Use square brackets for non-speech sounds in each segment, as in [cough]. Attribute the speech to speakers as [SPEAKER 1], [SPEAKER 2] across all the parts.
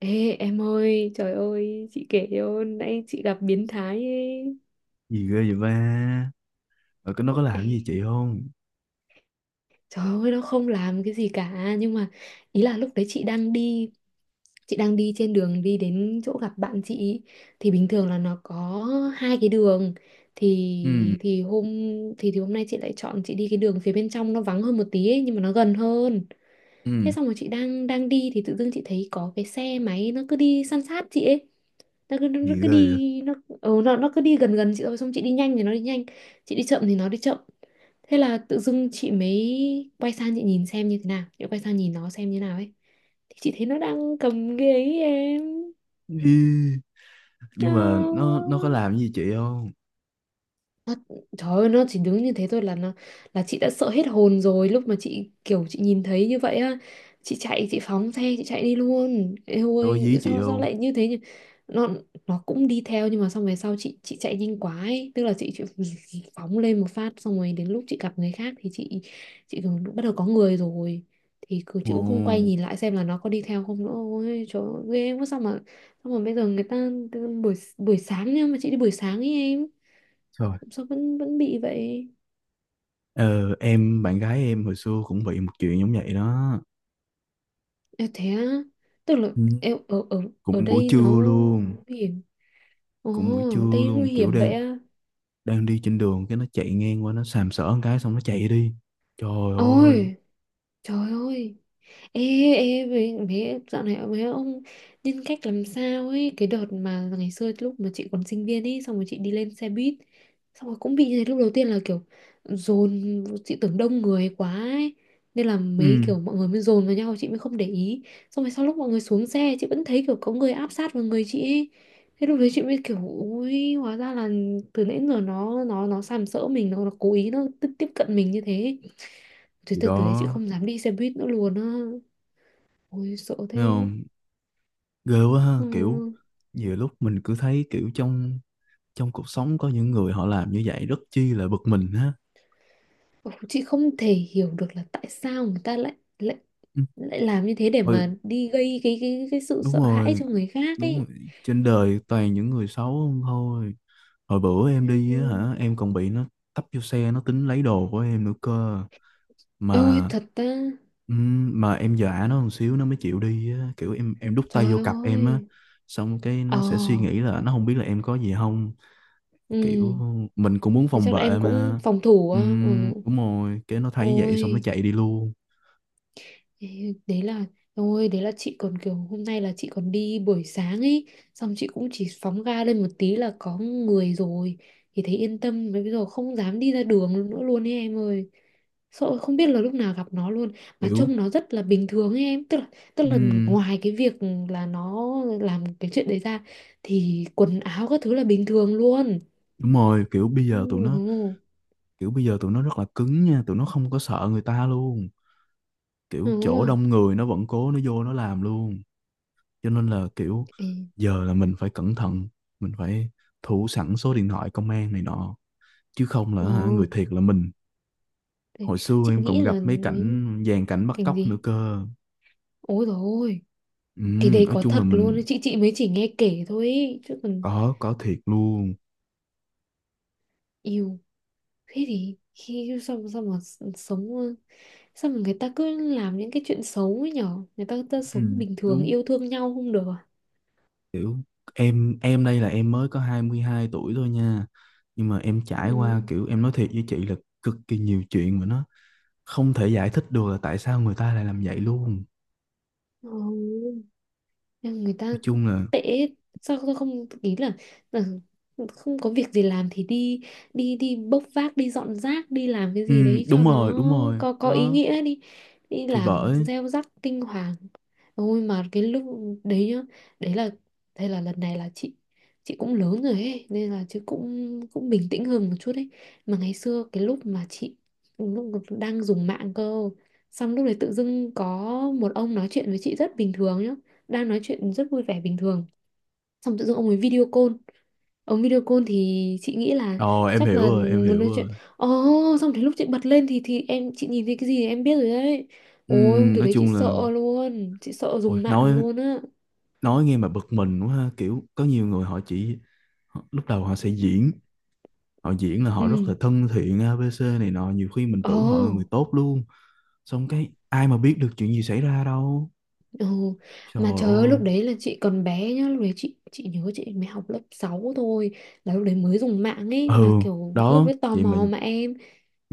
[SPEAKER 1] Ê em ơi, trời ơi, chị kể cho nãy chị gặp biến thái ấy.
[SPEAKER 2] Gì ghê vậy ba? Rồi cái nó có
[SPEAKER 1] Ê,
[SPEAKER 2] làm gì chị không?
[SPEAKER 1] trời ơi, nó không làm cái gì cả. Nhưng mà ý là lúc đấy chị đang đi trên đường đi đến chỗ gặp bạn chị. Thì bình thường là nó có hai cái đường.
[SPEAKER 2] Ừ.
[SPEAKER 1] Thì thì hôm thì hôm nay chị lại chọn chị đi cái đường phía bên trong nó vắng hơn một tí ấy, nhưng mà nó gần hơn. Thế
[SPEAKER 2] Ừ.
[SPEAKER 1] xong rồi chị đang đang đi thì tự dưng chị thấy có cái xe máy nó cứ đi san sát chị ấy. nó cứ, nó
[SPEAKER 2] Gì
[SPEAKER 1] cứ
[SPEAKER 2] ghê vậy?
[SPEAKER 1] đi nó ừ, nó cứ đi gần gần chị thôi, xong chị đi nhanh thì nó đi nhanh, chị đi chậm thì nó đi chậm. Thế là tự dưng chị mới quay sang chị nhìn xem như thế nào, chị quay sang nhìn nó xem như nào ấy, thì chị thấy nó đang cầm ghế ấy em.
[SPEAKER 2] Ý,
[SPEAKER 1] Ờ.
[SPEAKER 2] nhưng mà nó có làm gì chị không?
[SPEAKER 1] Nó, trời ơi nó chỉ đứng như thế thôi là nó là chị đã sợ hết hồn rồi, lúc mà chị kiểu chị nhìn thấy như vậy á, chị chạy chị phóng xe chị chạy đi luôn. Ê
[SPEAKER 2] Nó có
[SPEAKER 1] ôi
[SPEAKER 2] dí chị
[SPEAKER 1] sao sao
[SPEAKER 2] không?
[SPEAKER 1] lại như thế nhỉ. Nó cũng đi theo nhưng mà xong về sau chị chạy nhanh quá ấy. Tức là chị [laughs] phóng lên một phát, xong rồi đến lúc chị gặp người khác thì chị kiểu bắt đầu có người rồi, thì cứ
[SPEAKER 2] Ồ,
[SPEAKER 1] chị cũng không quay nhìn lại xem là nó có đi theo không nữa. Ôi trời ơi, ghê quá. Sao mà sao mà bây giờ người ta buổi buổi sáng nhưng mà chị đi buổi sáng ấy em,
[SPEAKER 2] trời.
[SPEAKER 1] sao vẫn vẫn bị vậy.
[SPEAKER 2] Ờ, em bạn gái em hồi xưa cũng bị một chuyện giống vậy đó.
[SPEAKER 1] À, thế á. Tức là
[SPEAKER 2] Ừ.
[SPEAKER 1] em ở ở ở
[SPEAKER 2] Cũng buổi
[SPEAKER 1] đây nó
[SPEAKER 2] trưa luôn.
[SPEAKER 1] nguy hiểm. Ồ,
[SPEAKER 2] Cũng buổi trưa
[SPEAKER 1] đây
[SPEAKER 2] luôn,
[SPEAKER 1] nguy
[SPEAKER 2] kiểu
[SPEAKER 1] hiểm
[SPEAKER 2] đang
[SPEAKER 1] vậy á.
[SPEAKER 2] đang đi trên đường cái nó chạy ngang qua, nó sàm sỡ một cái xong nó chạy đi. Trời ơi.
[SPEAKER 1] Ôi, trời ơi. Ê, ê, mấy, mấy, dạo này mấy ông nhân cách làm sao ấy. Cái đợt mà ngày xưa lúc mà chị còn sinh viên ấy, xong rồi chị đi lên xe buýt, xong rồi cũng bị như thế. Lúc đầu tiên là kiểu dồn, chị tưởng đông người quá ấy, nên là
[SPEAKER 2] Ừ,
[SPEAKER 1] mấy kiểu mọi người mới dồn vào nhau chị mới không để ý. Xong rồi sau lúc mọi người xuống xe, chị vẫn thấy kiểu có người áp sát vào người chị ấy. Thế lúc đấy chị mới kiểu ui, hóa ra là từ nãy đến giờ nó sàm sỡ mình. Nó cố ý nó tiếp tiếp cận mình như thế. Thế
[SPEAKER 2] thì
[SPEAKER 1] từ, từ đấy chị
[SPEAKER 2] đó.
[SPEAKER 1] không dám đi xe buýt nữa luôn á. Ôi sợ
[SPEAKER 2] Thấy
[SPEAKER 1] thế.
[SPEAKER 2] không? Ghê quá ha, kiểu
[SPEAKER 1] Ừ.
[SPEAKER 2] nhiều lúc mình cứ thấy kiểu trong trong cuộc sống có những người họ làm như vậy rất chi là bực mình ha.
[SPEAKER 1] Chị không thể hiểu được là tại sao người ta lại lại
[SPEAKER 2] Ừ,
[SPEAKER 1] lại làm như thế để
[SPEAKER 2] hồi,
[SPEAKER 1] mà đi gây cái cái sự
[SPEAKER 2] đúng
[SPEAKER 1] sợ hãi
[SPEAKER 2] rồi.
[SPEAKER 1] cho người khác
[SPEAKER 2] Đúng
[SPEAKER 1] ấy.
[SPEAKER 2] rồi. Trên đời toàn những người xấu không thôi. Hồi bữa em
[SPEAKER 1] Em
[SPEAKER 2] đi á
[SPEAKER 1] ơi.
[SPEAKER 2] hả, em còn bị nó tấp vô xe, nó tính lấy đồ của em nữa cơ.
[SPEAKER 1] Ôi,
[SPEAKER 2] Mà
[SPEAKER 1] thật ta.
[SPEAKER 2] mà em dọa nó một xíu nó mới chịu đi á, kiểu em đút tay
[SPEAKER 1] Trời
[SPEAKER 2] vô cặp em á,
[SPEAKER 1] ơi.
[SPEAKER 2] xong cái
[SPEAKER 1] Ờ.
[SPEAKER 2] nó sẽ suy nghĩ là nó không biết là em có gì không,
[SPEAKER 1] Ừ.
[SPEAKER 2] kiểu mình cũng muốn
[SPEAKER 1] Thì
[SPEAKER 2] phòng
[SPEAKER 1] chắc là
[SPEAKER 2] vệ
[SPEAKER 1] em cũng
[SPEAKER 2] mà.
[SPEAKER 1] phòng thủ á. Ừ.
[SPEAKER 2] Đúng rồi, cái nó thấy vậy xong nó
[SPEAKER 1] Ôi.
[SPEAKER 2] chạy đi luôn.
[SPEAKER 1] Ê, đấy là ôi đấy là chị còn kiểu hôm nay là chị còn đi buổi sáng ấy, xong chị cũng chỉ phóng ga lên một tí là có người rồi thì thấy yên tâm. Mà bây giờ không dám đi ra đường nữa luôn ấy em ơi, sợ không biết là lúc nào gặp nó luôn. Mà
[SPEAKER 2] Kiểu
[SPEAKER 1] trông nó rất là bình thường ấy em, tức là tức
[SPEAKER 2] ừ,
[SPEAKER 1] là ngoài cái việc là nó làm cái chuyện đấy ra thì quần áo các thứ là bình thường luôn.
[SPEAKER 2] đúng rồi, kiểu bây
[SPEAKER 1] ừ,
[SPEAKER 2] giờ tụi nó,
[SPEAKER 1] ừ,
[SPEAKER 2] kiểu bây giờ tụi nó rất là cứng nha, tụi nó không có sợ người ta luôn, kiểu chỗ
[SPEAKER 1] ừ.
[SPEAKER 2] đông người nó vẫn cố nó vô nó làm luôn. Cho nên là kiểu
[SPEAKER 1] Ê,
[SPEAKER 2] giờ là mình phải cẩn thận, mình phải thủ sẵn số điện thoại công an này nọ, chứ không
[SPEAKER 1] ờ,
[SPEAKER 2] là hả, người thiệt là mình.
[SPEAKER 1] thế
[SPEAKER 2] Hồi xưa
[SPEAKER 1] chị
[SPEAKER 2] em
[SPEAKER 1] nghĩ
[SPEAKER 2] còn
[SPEAKER 1] là
[SPEAKER 2] gặp mấy
[SPEAKER 1] ấy,
[SPEAKER 2] cảnh dàn cảnh bắt
[SPEAKER 1] cảnh
[SPEAKER 2] cóc nữa
[SPEAKER 1] gì.
[SPEAKER 2] cơ.
[SPEAKER 1] Ôi rồi,
[SPEAKER 2] Ừ,
[SPEAKER 1] cái đấy
[SPEAKER 2] nói
[SPEAKER 1] có
[SPEAKER 2] chung
[SPEAKER 1] thật
[SPEAKER 2] là
[SPEAKER 1] luôn
[SPEAKER 2] mình
[SPEAKER 1] ấy, chị mới chỉ nghe kể thôi ấy. Chứ còn
[SPEAKER 2] có thiệt luôn.
[SPEAKER 1] yêu, thế thì khi sao sao mà sống, sao mà người ta cứ làm những cái chuyện xấu ấy nhở, người ta, ta
[SPEAKER 2] Ừ,
[SPEAKER 1] sống bình thường
[SPEAKER 2] đúng,
[SPEAKER 1] yêu thương nhau không được à.
[SPEAKER 2] kiểu em đây là em mới có 22 tuổi thôi nha, nhưng mà em trải qua,
[SPEAKER 1] Ừ.
[SPEAKER 2] kiểu em nói thiệt với chị là cực kỳ nhiều chuyện mà nó không thể giải thích được là tại sao người ta lại làm vậy luôn.
[SPEAKER 1] Ừ. Nhưng người ta
[SPEAKER 2] Nói chung là
[SPEAKER 1] tệ. Sao tôi không ý là không có việc gì làm thì đi đi đi bốc vác, đi dọn rác, đi làm cái
[SPEAKER 2] ừ,
[SPEAKER 1] gì đấy cho
[SPEAKER 2] đúng rồi.
[SPEAKER 1] nó
[SPEAKER 2] Đúng rồi
[SPEAKER 1] có ý
[SPEAKER 2] đó,
[SPEAKER 1] nghĩa đi, đi
[SPEAKER 2] thì
[SPEAKER 1] làm
[SPEAKER 2] bởi.
[SPEAKER 1] gieo rắc kinh hoàng. Ôi mà cái lúc đấy nhá, đấy là đây là lần này là chị cũng lớn rồi ấy nên là chứ cũng cũng bình tĩnh hơn một chút ấy. Mà ngày xưa cái lúc mà chị lúc đang dùng mạng cơ, xong lúc đấy tự dưng có một ông nói chuyện với chị rất bình thường nhá, đang nói chuyện rất vui vẻ bình thường xong tự dưng ông ấy video call. Ông video call thì chị nghĩ là
[SPEAKER 2] Ồ, em
[SPEAKER 1] chắc
[SPEAKER 2] hiểu
[SPEAKER 1] là
[SPEAKER 2] rồi, em
[SPEAKER 1] muốn
[SPEAKER 2] hiểu
[SPEAKER 1] nói chuyện.
[SPEAKER 2] rồi.
[SPEAKER 1] Ồ, oh, xong đến lúc chị bật lên thì em chị nhìn thấy cái gì em biết rồi đấy.
[SPEAKER 2] Ừ,
[SPEAKER 1] Ôi từ
[SPEAKER 2] nói
[SPEAKER 1] đấy chị
[SPEAKER 2] chung là
[SPEAKER 1] sợ luôn, chị sợ
[SPEAKER 2] ôi,
[SPEAKER 1] dùng mạng luôn á.
[SPEAKER 2] nói nghe mà bực mình quá ha, kiểu có nhiều người họ chỉ, họ- lúc đầu họ sẽ diễn, họ diễn là họ rất là
[SPEAKER 1] Ừ.
[SPEAKER 2] thân thiện ABC này nọ, nhiều khi mình
[SPEAKER 1] Ồ.
[SPEAKER 2] tưởng họ là người tốt luôn, xong cái ai mà biết được chuyện gì xảy ra đâu.
[SPEAKER 1] Ồ,
[SPEAKER 2] Trời
[SPEAKER 1] mà trời ơi
[SPEAKER 2] ơi.
[SPEAKER 1] lúc đấy là chị còn bé nhá, lúc đấy chị nhớ chị mới học lớp 6 thôi, là lúc đấy mới dùng mạng ấy mà
[SPEAKER 2] Ừ,
[SPEAKER 1] kiểu lúc
[SPEAKER 2] đó
[SPEAKER 1] đấy tò
[SPEAKER 2] vậy mà
[SPEAKER 1] mò mà em,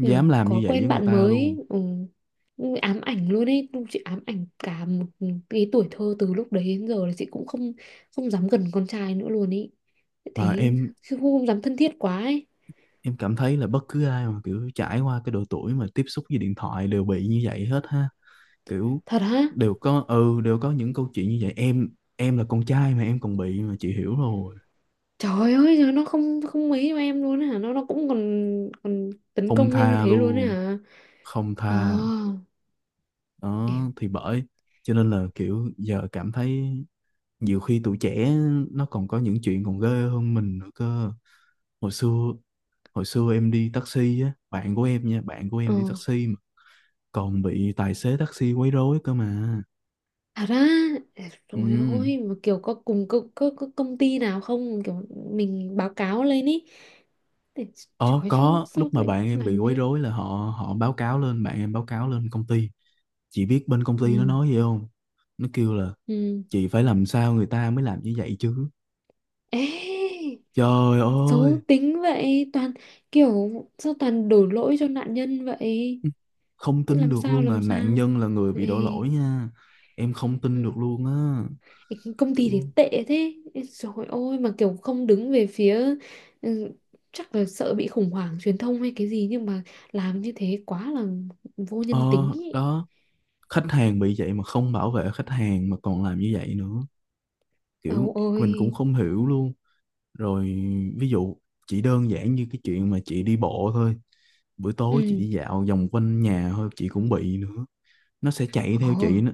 [SPEAKER 1] kiểu
[SPEAKER 2] làm như
[SPEAKER 1] có
[SPEAKER 2] vậy với
[SPEAKER 1] quen
[SPEAKER 2] người
[SPEAKER 1] bạn
[SPEAKER 2] ta
[SPEAKER 1] mới ý.
[SPEAKER 2] luôn.
[SPEAKER 1] Ừ, ám ảnh luôn ấy, lúc chị ám ảnh cả một cái tuổi thơ, từ lúc đấy đến giờ là chị cũng không không dám gần con trai nữa luôn ấy,
[SPEAKER 2] Mà
[SPEAKER 1] thấy
[SPEAKER 2] em
[SPEAKER 1] không, không dám thân thiết quá ấy.
[SPEAKER 2] em cảm thấy là bất cứ ai mà kiểu trải qua cái độ tuổi mà tiếp xúc với điện thoại đều bị như vậy hết ha, kiểu
[SPEAKER 1] Thật hả.
[SPEAKER 2] đều có, ừ đều có những câu chuyện như vậy em. Em là con trai mà em còn bị mà chị hiểu rồi.
[SPEAKER 1] Trời ơi giờ nó không không mấy cho em luôn ấy hả, nó cũng còn còn tấn
[SPEAKER 2] Không
[SPEAKER 1] công em như
[SPEAKER 2] tha
[SPEAKER 1] thế luôn ấy
[SPEAKER 2] luôn,
[SPEAKER 1] hả.
[SPEAKER 2] không
[SPEAKER 1] Ờ.
[SPEAKER 2] tha. Đó thì bởi, cho nên là kiểu giờ cảm thấy nhiều khi tụi trẻ nó còn có những chuyện còn ghê hơn mình nữa cơ. Hồi xưa, hồi xưa em đi taxi á, bạn của em nha, bạn của
[SPEAKER 1] Ờ,
[SPEAKER 2] em đi taxi mà còn bị tài xế taxi quấy rối cơ mà.
[SPEAKER 1] thật ra rồi.
[SPEAKER 2] Ừ.
[SPEAKER 1] Ôi mà kiểu có cùng có công ty nào không kiểu mình báo cáo lên ý để.
[SPEAKER 2] Ờ,
[SPEAKER 1] Trời chứ
[SPEAKER 2] có
[SPEAKER 1] sao
[SPEAKER 2] lúc mà
[SPEAKER 1] lại
[SPEAKER 2] bạn em bị
[SPEAKER 1] làm
[SPEAKER 2] quấy
[SPEAKER 1] ấy.
[SPEAKER 2] rối là họ họ báo cáo lên, bạn em báo cáo lên công ty, chị biết bên công ty nó
[SPEAKER 1] Ừ.
[SPEAKER 2] nói gì không? Nó kêu là
[SPEAKER 1] Ừ.
[SPEAKER 2] chị phải làm sao người ta mới làm như vậy chứ.
[SPEAKER 1] Ê.
[SPEAKER 2] Trời
[SPEAKER 1] Xấu
[SPEAKER 2] ơi,
[SPEAKER 1] tính vậy, toàn kiểu sao toàn đổ lỗi cho nạn nhân vậy.
[SPEAKER 2] không tin
[SPEAKER 1] Làm
[SPEAKER 2] được
[SPEAKER 1] sao
[SPEAKER 2] luôn là
[SPEAKER 1] làm
[SPEAKER 2] nạn
[SPEAKER 1] sao.
[SPEAKER 2] nhân là người bị
[SPEAKER 1] Ê.
[SPEAKER 2] đổ lỗi nha. Em không tin được
[SPEAKER 1] Ừ.
[SPEAKER 2] luôn á.
[SPEAKER 1] Cái công ty thì
[SPEAKER 2] Kiểu
[SPEAKER 1] tệ thế. Ê, trời ơi mà kiểu không đứng về phía. Ừ, chắc là sợ bị khủng hoảng truyền thông hay cái gì nhưng mà làm như thế quá là vô
[SPEAKER 2] ờ,
[SPEAKER 1] nhân tính ý.
[SPEAKER 2] đó, khách hàng bị vậy mà không bảo vệ khách hàng mà còn làm như vậy nữa, kiểu
[SPEAKER 1] Âu
[SPEAKER 2] mình cũng
[SPEAKER 1] ôi.
[SPEAKER 2] không hiểu luôn. Rồi ví dụ, chỉ đơn giản như cái chuyện mà chị đi bộ thôi, buổi tối chị đi
[SPEAKER 1] Ừ.
[SPEAKER 2] dạo vòng quanh nhà thôi chị cũng bị nữa, nó sẽ chạy theo
[SPEAKER 1] Ồ.
[SPEAKER 2] chị nữa.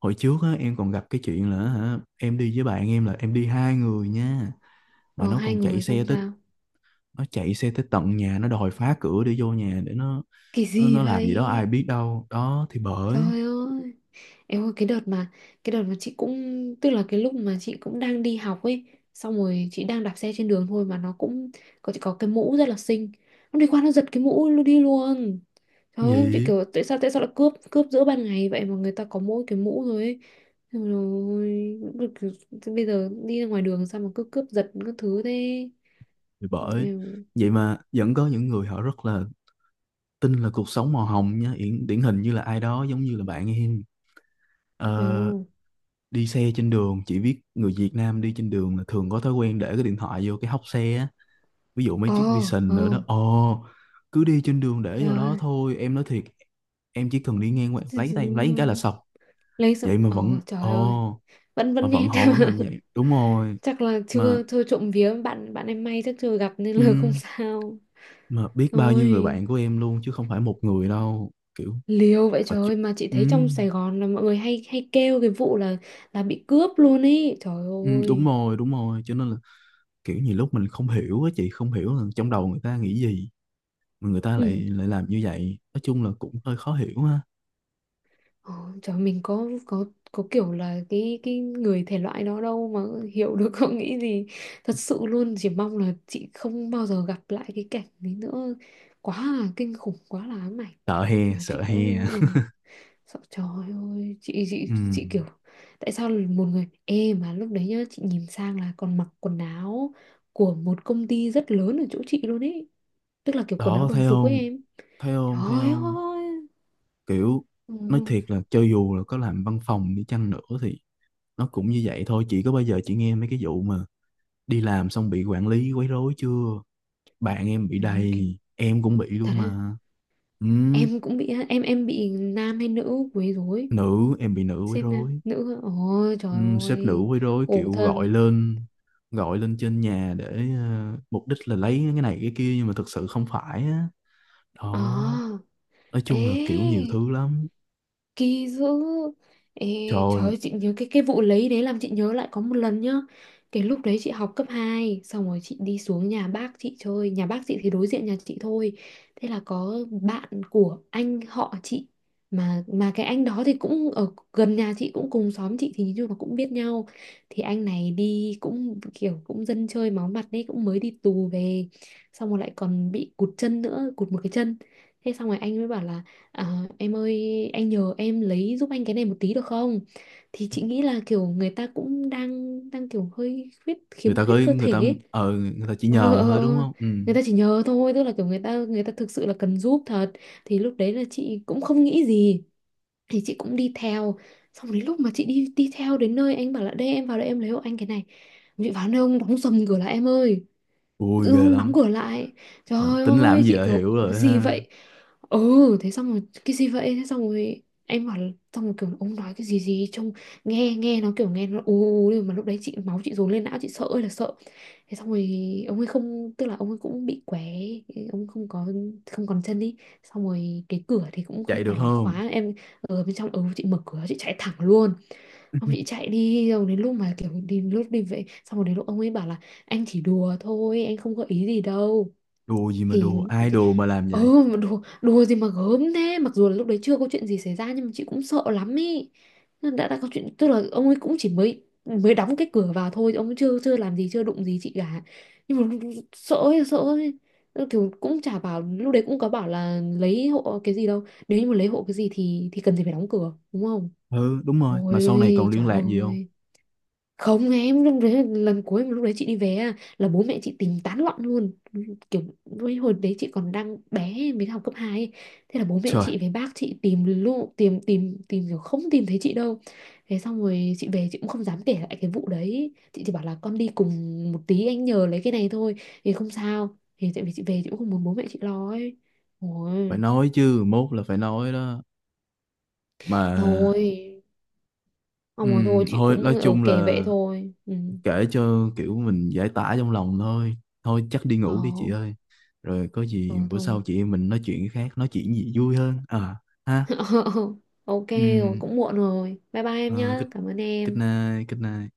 [SPEAKER 2] Hồi trước á, em còn gặp cái chuyện là hả, em đi với bạn em, là em đi hai người nha, mà
[SPEAKER 1] Ờ,
[SPEAKER 2] nó
[SPEAKER 1] hai
[SPEAKER 2] còn chạy
[SPEAKER 1] người
[SPEAKER 2] xe
[SPEAKER 1] xong
[SPEAKER 2] tới,
[SPEAKER 1] sao.
[SPEAKER 2] nó chạy xe tới tận nhà, nó đòi phá cửa để vô nhà để nó,
[SPEAKER 1] Kỳ
[SPEAKER 2] nó,
[SPEAKER 1] gì
[SPEAKER 2] nó làm gì đó ai
[SPEAKER 1] vậy.
[SPEAKER 2] biết đâu đó, thì bởi.
[SPEAKER 1] Trời ơi. Em ơi cái đợt mà chị cũng tức là cái lúc mà chị cũng đang đi học ấy, xong rồi chị đang đạp xe trên đường thôi mà nó cũng có, chị có cái mũ rất là xinh, nó đi qua nó giật cái mũ luôn đi luôn. Trời ơi chị
[SPEAKER 2] Gì.
[SPEAKER 1] kiểu tại sao lại cướp cướp giữa ban ngày vậy, mà người ta có mỗi cái mũ rồi ấy. Xong rồi cứ- bây giờ đi ra ngoài đường sao mà cứ cướp giật các thứ thế.
[SPEAKER 2] Thì bởi,
[SPEAKER 1] Em-
[SPEAKER 2] vậy mà vẫn có những người họ rất là tin là cuộc sống màu hồng nhá, điển, điển hình như là ai đó giống như là bạn em.
[SPEAKER 1] ờ,
[SPEAKER 2] Ờ, đi xe trên đường, chỉ biết người Việt Nam đi trên đường là thường có thói quen để cái điện thoại vô cái hốc xe á, ví dụ mấy
[SPEAKER 1] ờ
[SPEAKER 2] chiếc Vision
[SPEAKER 1] ờ.
[SPEAKER 2] nữa đó. Ồ, cứ đi trên đường để
[SPEAKER 1] Trời
[SPEAKER 2] vô đó
[SPEAKER 1] ơi.
[SPEAKER 2] thôi em nói thiệt, em chỉ cần đi ngang qua em lấy tay em lấy cái là xong.
[SPEAKER 1] Lấy xong
[SPEAKER 2] Vậy mà
[SPEAKER 1] ờ.
[SPEAKER 2] vẫn
[SPEAKER 1] Trời ơi.
[SPEAKER 2] ồ,
[SPEAKER 1] vẫn
[SPEAKER 2] mà
[SPEAKER 1] vẫn
[SPEAKER 2] vẫn
[SPEAKER 1] nét
[SPEAKER 2] họ vẫn làm
[SPEAKER 1] [laughs]
[SPEAKER 2] vậy, đúng rồi.
[SPEAKER 1] chắc là
[SPEAKER 2] Mà
[SPEAKER 1] chưa chưa trộm vía bạn bạn em may, chắc chưa gặp nên là [laughs] không
[SPEAKER 2] ừm,
[SPEAKER 1] sao.
[SPEAKER 2] mà biết bao nhiêu người
[SPEAKER 1] Ôi,
[SPEAKER 2] bạn của em luôn chứ không phải một người đâu kiểu.
[SPEAKER 1] liều vậy
[SPEAKER 2] Ờ,
[SPEAKER 1] trời
[SPEAKER 2] chứ-
[SPEAKER 1] ơi, mà chị
[SPEAKER 2] ừ,
[SPEAKER 1] thấy trong Sài Gòn là mọi người hay hay kêu cái vụ là bị cướp luôn ấy. Trời
[SPEAKER 2] ừ, đúng
[SPEAKER 1] ơi.
[SPEAKER 2] rồi. Đúng rồi, cho nên là kiểu nhiều lúc mình không hiểu á, chị không hiểu là trong đầu người ta nghĩ gì mà người ta
[SPEAKER 1] Ừ.
[SPEAKER 2] lại lại làm như vậy, nói chung là cũng hơi khó hiểu ha.
[SPEAKER 1] Ờ, trời mình có kiểu là cái người thể loại đó đâu mà hiểu được [laughs] không nghĩ gì. Thật sự luôn chỉ mong là chị không bao giờ gặp lại cái cảnh đấy nữa. Quá là kinh khủng, quá là ám ảnh.
[SPEAKER 2] Sợ he,
[SPEAKER 1] Mà
[SPEAKER 2] sợ
[SPEAKER 1] chị
[SPEAKER 2] he.
[SPEAKER 1] cũng ừ.
[SPEAKER 2] [laughs]
[SPEAKER 1] Sợ trời ơi chị chị
[SPEAKER 2] Ừ.
[SPEAKER 1] chị kiểu tại sao là một người ê mà lúc đấy nhá chị nhìn sang là còn mặc quần áo của một công ty rất lớn ở chỗ chị luôn ấy, tức là kiểu quần áo
[SPEAKER 2] Đó,
[SPEAKER 1] đồng
[SPEAKER 2] thấy
[SPEAKER 1] phục ấy
[SPEAKER 2] không?
[SPEAKER 1] em.
[SPEAKER 2] thấy không thấy
[SPEAKER 1] Trời
[SPEAKER 2] không
[SPEAKER 1] ơi.
[SPEAKER 2] Kiểu
[SPEAKER 1] Ừ.
[SPEAKER 2] nói thiệt là cho dù là có làm văn phòng đi chăng nữa thì nó cũng như vậy thôi, chị có bao giờ chị nghe mấy cái vụ mà đi làm xong bị quản lý quấy rối chưa? Bạn em bị
[SPEAKER 1] Ừ, ok.
[SPEAKER 2] đầy, em cũng bị
[SPEAKER 1] Thật
[SPEAKER 2] luôn
[SPEAKER 1] ha.
[SPEAKER 2] mà. Ừ,
[SPEAKER 1] Em cũng bị á, em bị nam hay nữ quấy rối,
[SPEAKER 2] nữ, em bị nữ quấy
[SPEAKER 1] sếp nam
[SPEAKER 2] rối.
[SPEAKER 1] nữ á. Ôi
[SPEAKER 2] Ừ,
[SPEAKER 1] trời
[SPEAKER 2] sếp nữ
[SPEAKER 1] ơi.
[SPEAKER 2] quấy rối,
[SPEAKER 1] Khổ
[SPEAKER 2] kiểu gọi
[SPEAKER 1] thân.
[SPEAKER 2] lên, gọi lên trên nhà để, ờ, mục đích là lấy cái này cái kia nhưng mà thực sự không phải á. Đó,
[SPEAKER 1] À.
[SPEAKER 2] nói
[SPEAKER 1] Ê.
[SPEAKER 2] chung là kiểu nhiều thứ lắm.
[SPEAKER 1] Kỳ dữ. Ê,
[SPEAKER 2] Trời
[SPEAKER 1] trời
[SPEAKER 2] ơi,
[SPEAKER 1] ơi, chị nhớ cái vụ lấy đấy làm chị nhớ lại có một lần nhá. Cái lúc đấy chị học cấp hai, xong rồi chị đi xuống nhà bác chị chơi, nhà bác chị thì đối diện nhà chị thôi. Thế là có bạn của anh họ chị, mà cái anh đó thì cũng ở gần nhà chị cũng cùng xóm chị thì như là cũng biết nhau. Thì anh này đi cũng kiểu cũng dân chơi máu mặt đấy, cũng mới đi tù về, xong rồi lại còn bị cụt chân nữa, cụt một cái chân. Thế xong rồi anh mới bảo là à, em ơi, anh nhờ em lấy giúp anh cái này một tí được không? Thì chị nghĩ là kiểu người ta cũng đang đang kiểu hơi
[SPEAKER 2] người
[SPEAKER 1] khiếm
[SPEAKER 2] ta có
[SPEAKER 1] khuyết cơ
[SPEAKER 2] người
[SPEAKER 1] thể
[SPEAKER 2] ta,
[SPEAKER 1] ấy.
[SPEAKER 2] ờ người ta chỉ
[SPEAKER 1] Ờ,
[SPEAKER 2] nhờ
[SPEAKER 1] ờ, ờ.
[SPEAKER 2] thôi
[SPEAKER 1] ờ.
[SPEAKER 2] đúng không? Ừ.
[SPEAKER 1] Người ta chỉ nhờ thôi, tức là kiểu người ta thực sự là cần giúp thật. Thì lúc đấy là chị cũng không nghĩ gì, thì chị cũng đi theo. Xong đến lúc mà chị đi đi theo đến nơi, anh bảo là đây em vào đây em lấy hộ anh cái này. Chị vào nơi ông đóng sầm cửa lại em ơi, tự
[SPEAKER 2] Vui
[SPEAKER 1] dưng
[SPEAKER 2] ghê
[SPEAKER 1] hôm
[SPEAKER 2] lắm.
[SPEAKER 1] đóng cửa lại,
[SPEAKER 2] Ờ,
[SPEAKER 1] trời
[SPEAKER 2] tính làm
[SPEAKER 1] ơi
[SPEAKER 2] gì
[SPEAKER 1] chị
[SPEAKER 2] là hiểu
[SPEAKER 1] kiểu cái
[SPEAKER 2] rồi
[SPEAKER 1] gì
[SPEAKER 2] ha.
[SPEAKER 1] vậy. Ừ thế xong rồi cái gì vậy, thế xong rồi em bảo, xong rồi kiểu ông nói cái gì gì trông nghe nghe nó kiểu nghe nó ù ù, nhưng mà lúc đấy chị máu chị dồn lên não chị sợ ơi là sợ. Thế xong rồi ông ấy không, tức là ông ấy cũng bị què, ông không có không còn chân đi, xong rồi cái cửa thì cũng
[SPEAKER 2] Chạy
[SPEAKER 1] không
[SPEAKER 2] được
[SPEAKER 1] phải là
[SPEAKER 2] không?
[SPEAKER 1] khóa em ở bên trong. Ừ chị mở cửa chị chạy thẳng luôn. Ông chị
[SPEAKER 2] [laughs]
[SPEAKER 1] chạy đi rồi, đến lúc mà kiểu đi lúc đi vậy xong rồi đến lúc ông ấy bảo là anh chỉ đùa thôi anh không có ý gì đâu.
[SPEAKER 2] Đùa gì mà
[SPEAKER 1] thì,
[SPEAKER 2] đùa, ai
[SPEAKER 1] thì
[SPEAKER 2] đùa mà làm
[SPEAKER 1] ơ
[SPEAKER 2] vậy?
[SPEAKER 1] mà đùa đùa gì mà gớm thế, mặc dù là lúc đấy chưa có chuyện gì xảy ra nhưng mà chị cũng sợ lắm ý. Nó đã có chuyện, tức là ông ấy cũng chỉ mới mới đóng cái cửa vào thôi, ông ấy chưa chưa làm gì chưa đụng gì chị cả, nhưng mà sợ ấy, sợ ấy. Thì cũng chả bảo, lúc đấy cũng có bảo là lấy hộ cái gì đâu, nếu như mà lấy hộ cái gì thì cần gì phải đóng cửa đúng không.
[SPEAKER 2] Ừ, đúng rồi, mà sau này còn
[SPEAKER 1] Ôi
[SPEAKER 2] liên
[SPEAKER 1] trời
[SPEAKER 2] lạc gì không?
[SPEAKER 1] ơi. Không em, lúc đấy lần cuối mà lúc đấy chị đi về á, là bố mẹ chị tính tán loạn luôn, kiểu với hồi đấy chị còn đang bé mới học cấp 2 ấy. Thế là bố mẹ
[SPEAKER 2] Trời,
[SPEAKER 1] chị với bác chị tìm luôn, tìm tìm tìm kiểu không tìm thấy chị đâu. Thế xong rồi chị về chị cũng không dám kể lại cái vụ đấy, chị chỉ bảo là con đi cùng một tí anh nhờ lấy cái này thôi thì không sao, thì tại vì chị về chị cũng không muốn bố mẹ chị lo ấy.
[SPEAKER 2] phải
[SPEAKER 1] Ôi,
[SPEAKER 2] nói chứ, mốt là phải nói đó, mà
[SPEAKER 1] thôi ông ơi thôi chị
[SPEAKER 2] thôi nói
[SPEAKER 1] cũng ở
[SPEAKER 2] chung
[SPEAKER 1] kể vậy
[SPEAKER 2] là
[SPEAKER 1] thôi. Ừ.
[SPEAKER 2] kể cho kiểu mình giải tỏa trong lòng thôi, thôi chắc đi
[SPEAKER 1] Ờ,
[SPEAKER 2] ngủ đi chị ơi. Rồi có
[SPEAKER 1] ờ
[SPEAKER 2] gì bữa sau
[SPEAKER 1] thôi
[SPEAKER 2] chị em mình nói chuyện cái khác, nói chuyện gì vui hơn à ha.
[SPEAKER 1] [laughs] ok, rồi,
[SPEAKER 2] Ừ,
[SPEAKER 1] cũng muộn rồi. Bye bye em nhé.
[SPEAKER 2] good.
[SPEAKER 1] Cảm ơn
[SPEAKER 2] Good
[SPEAKER 1] em.
[SPEAKER 2] night, good night.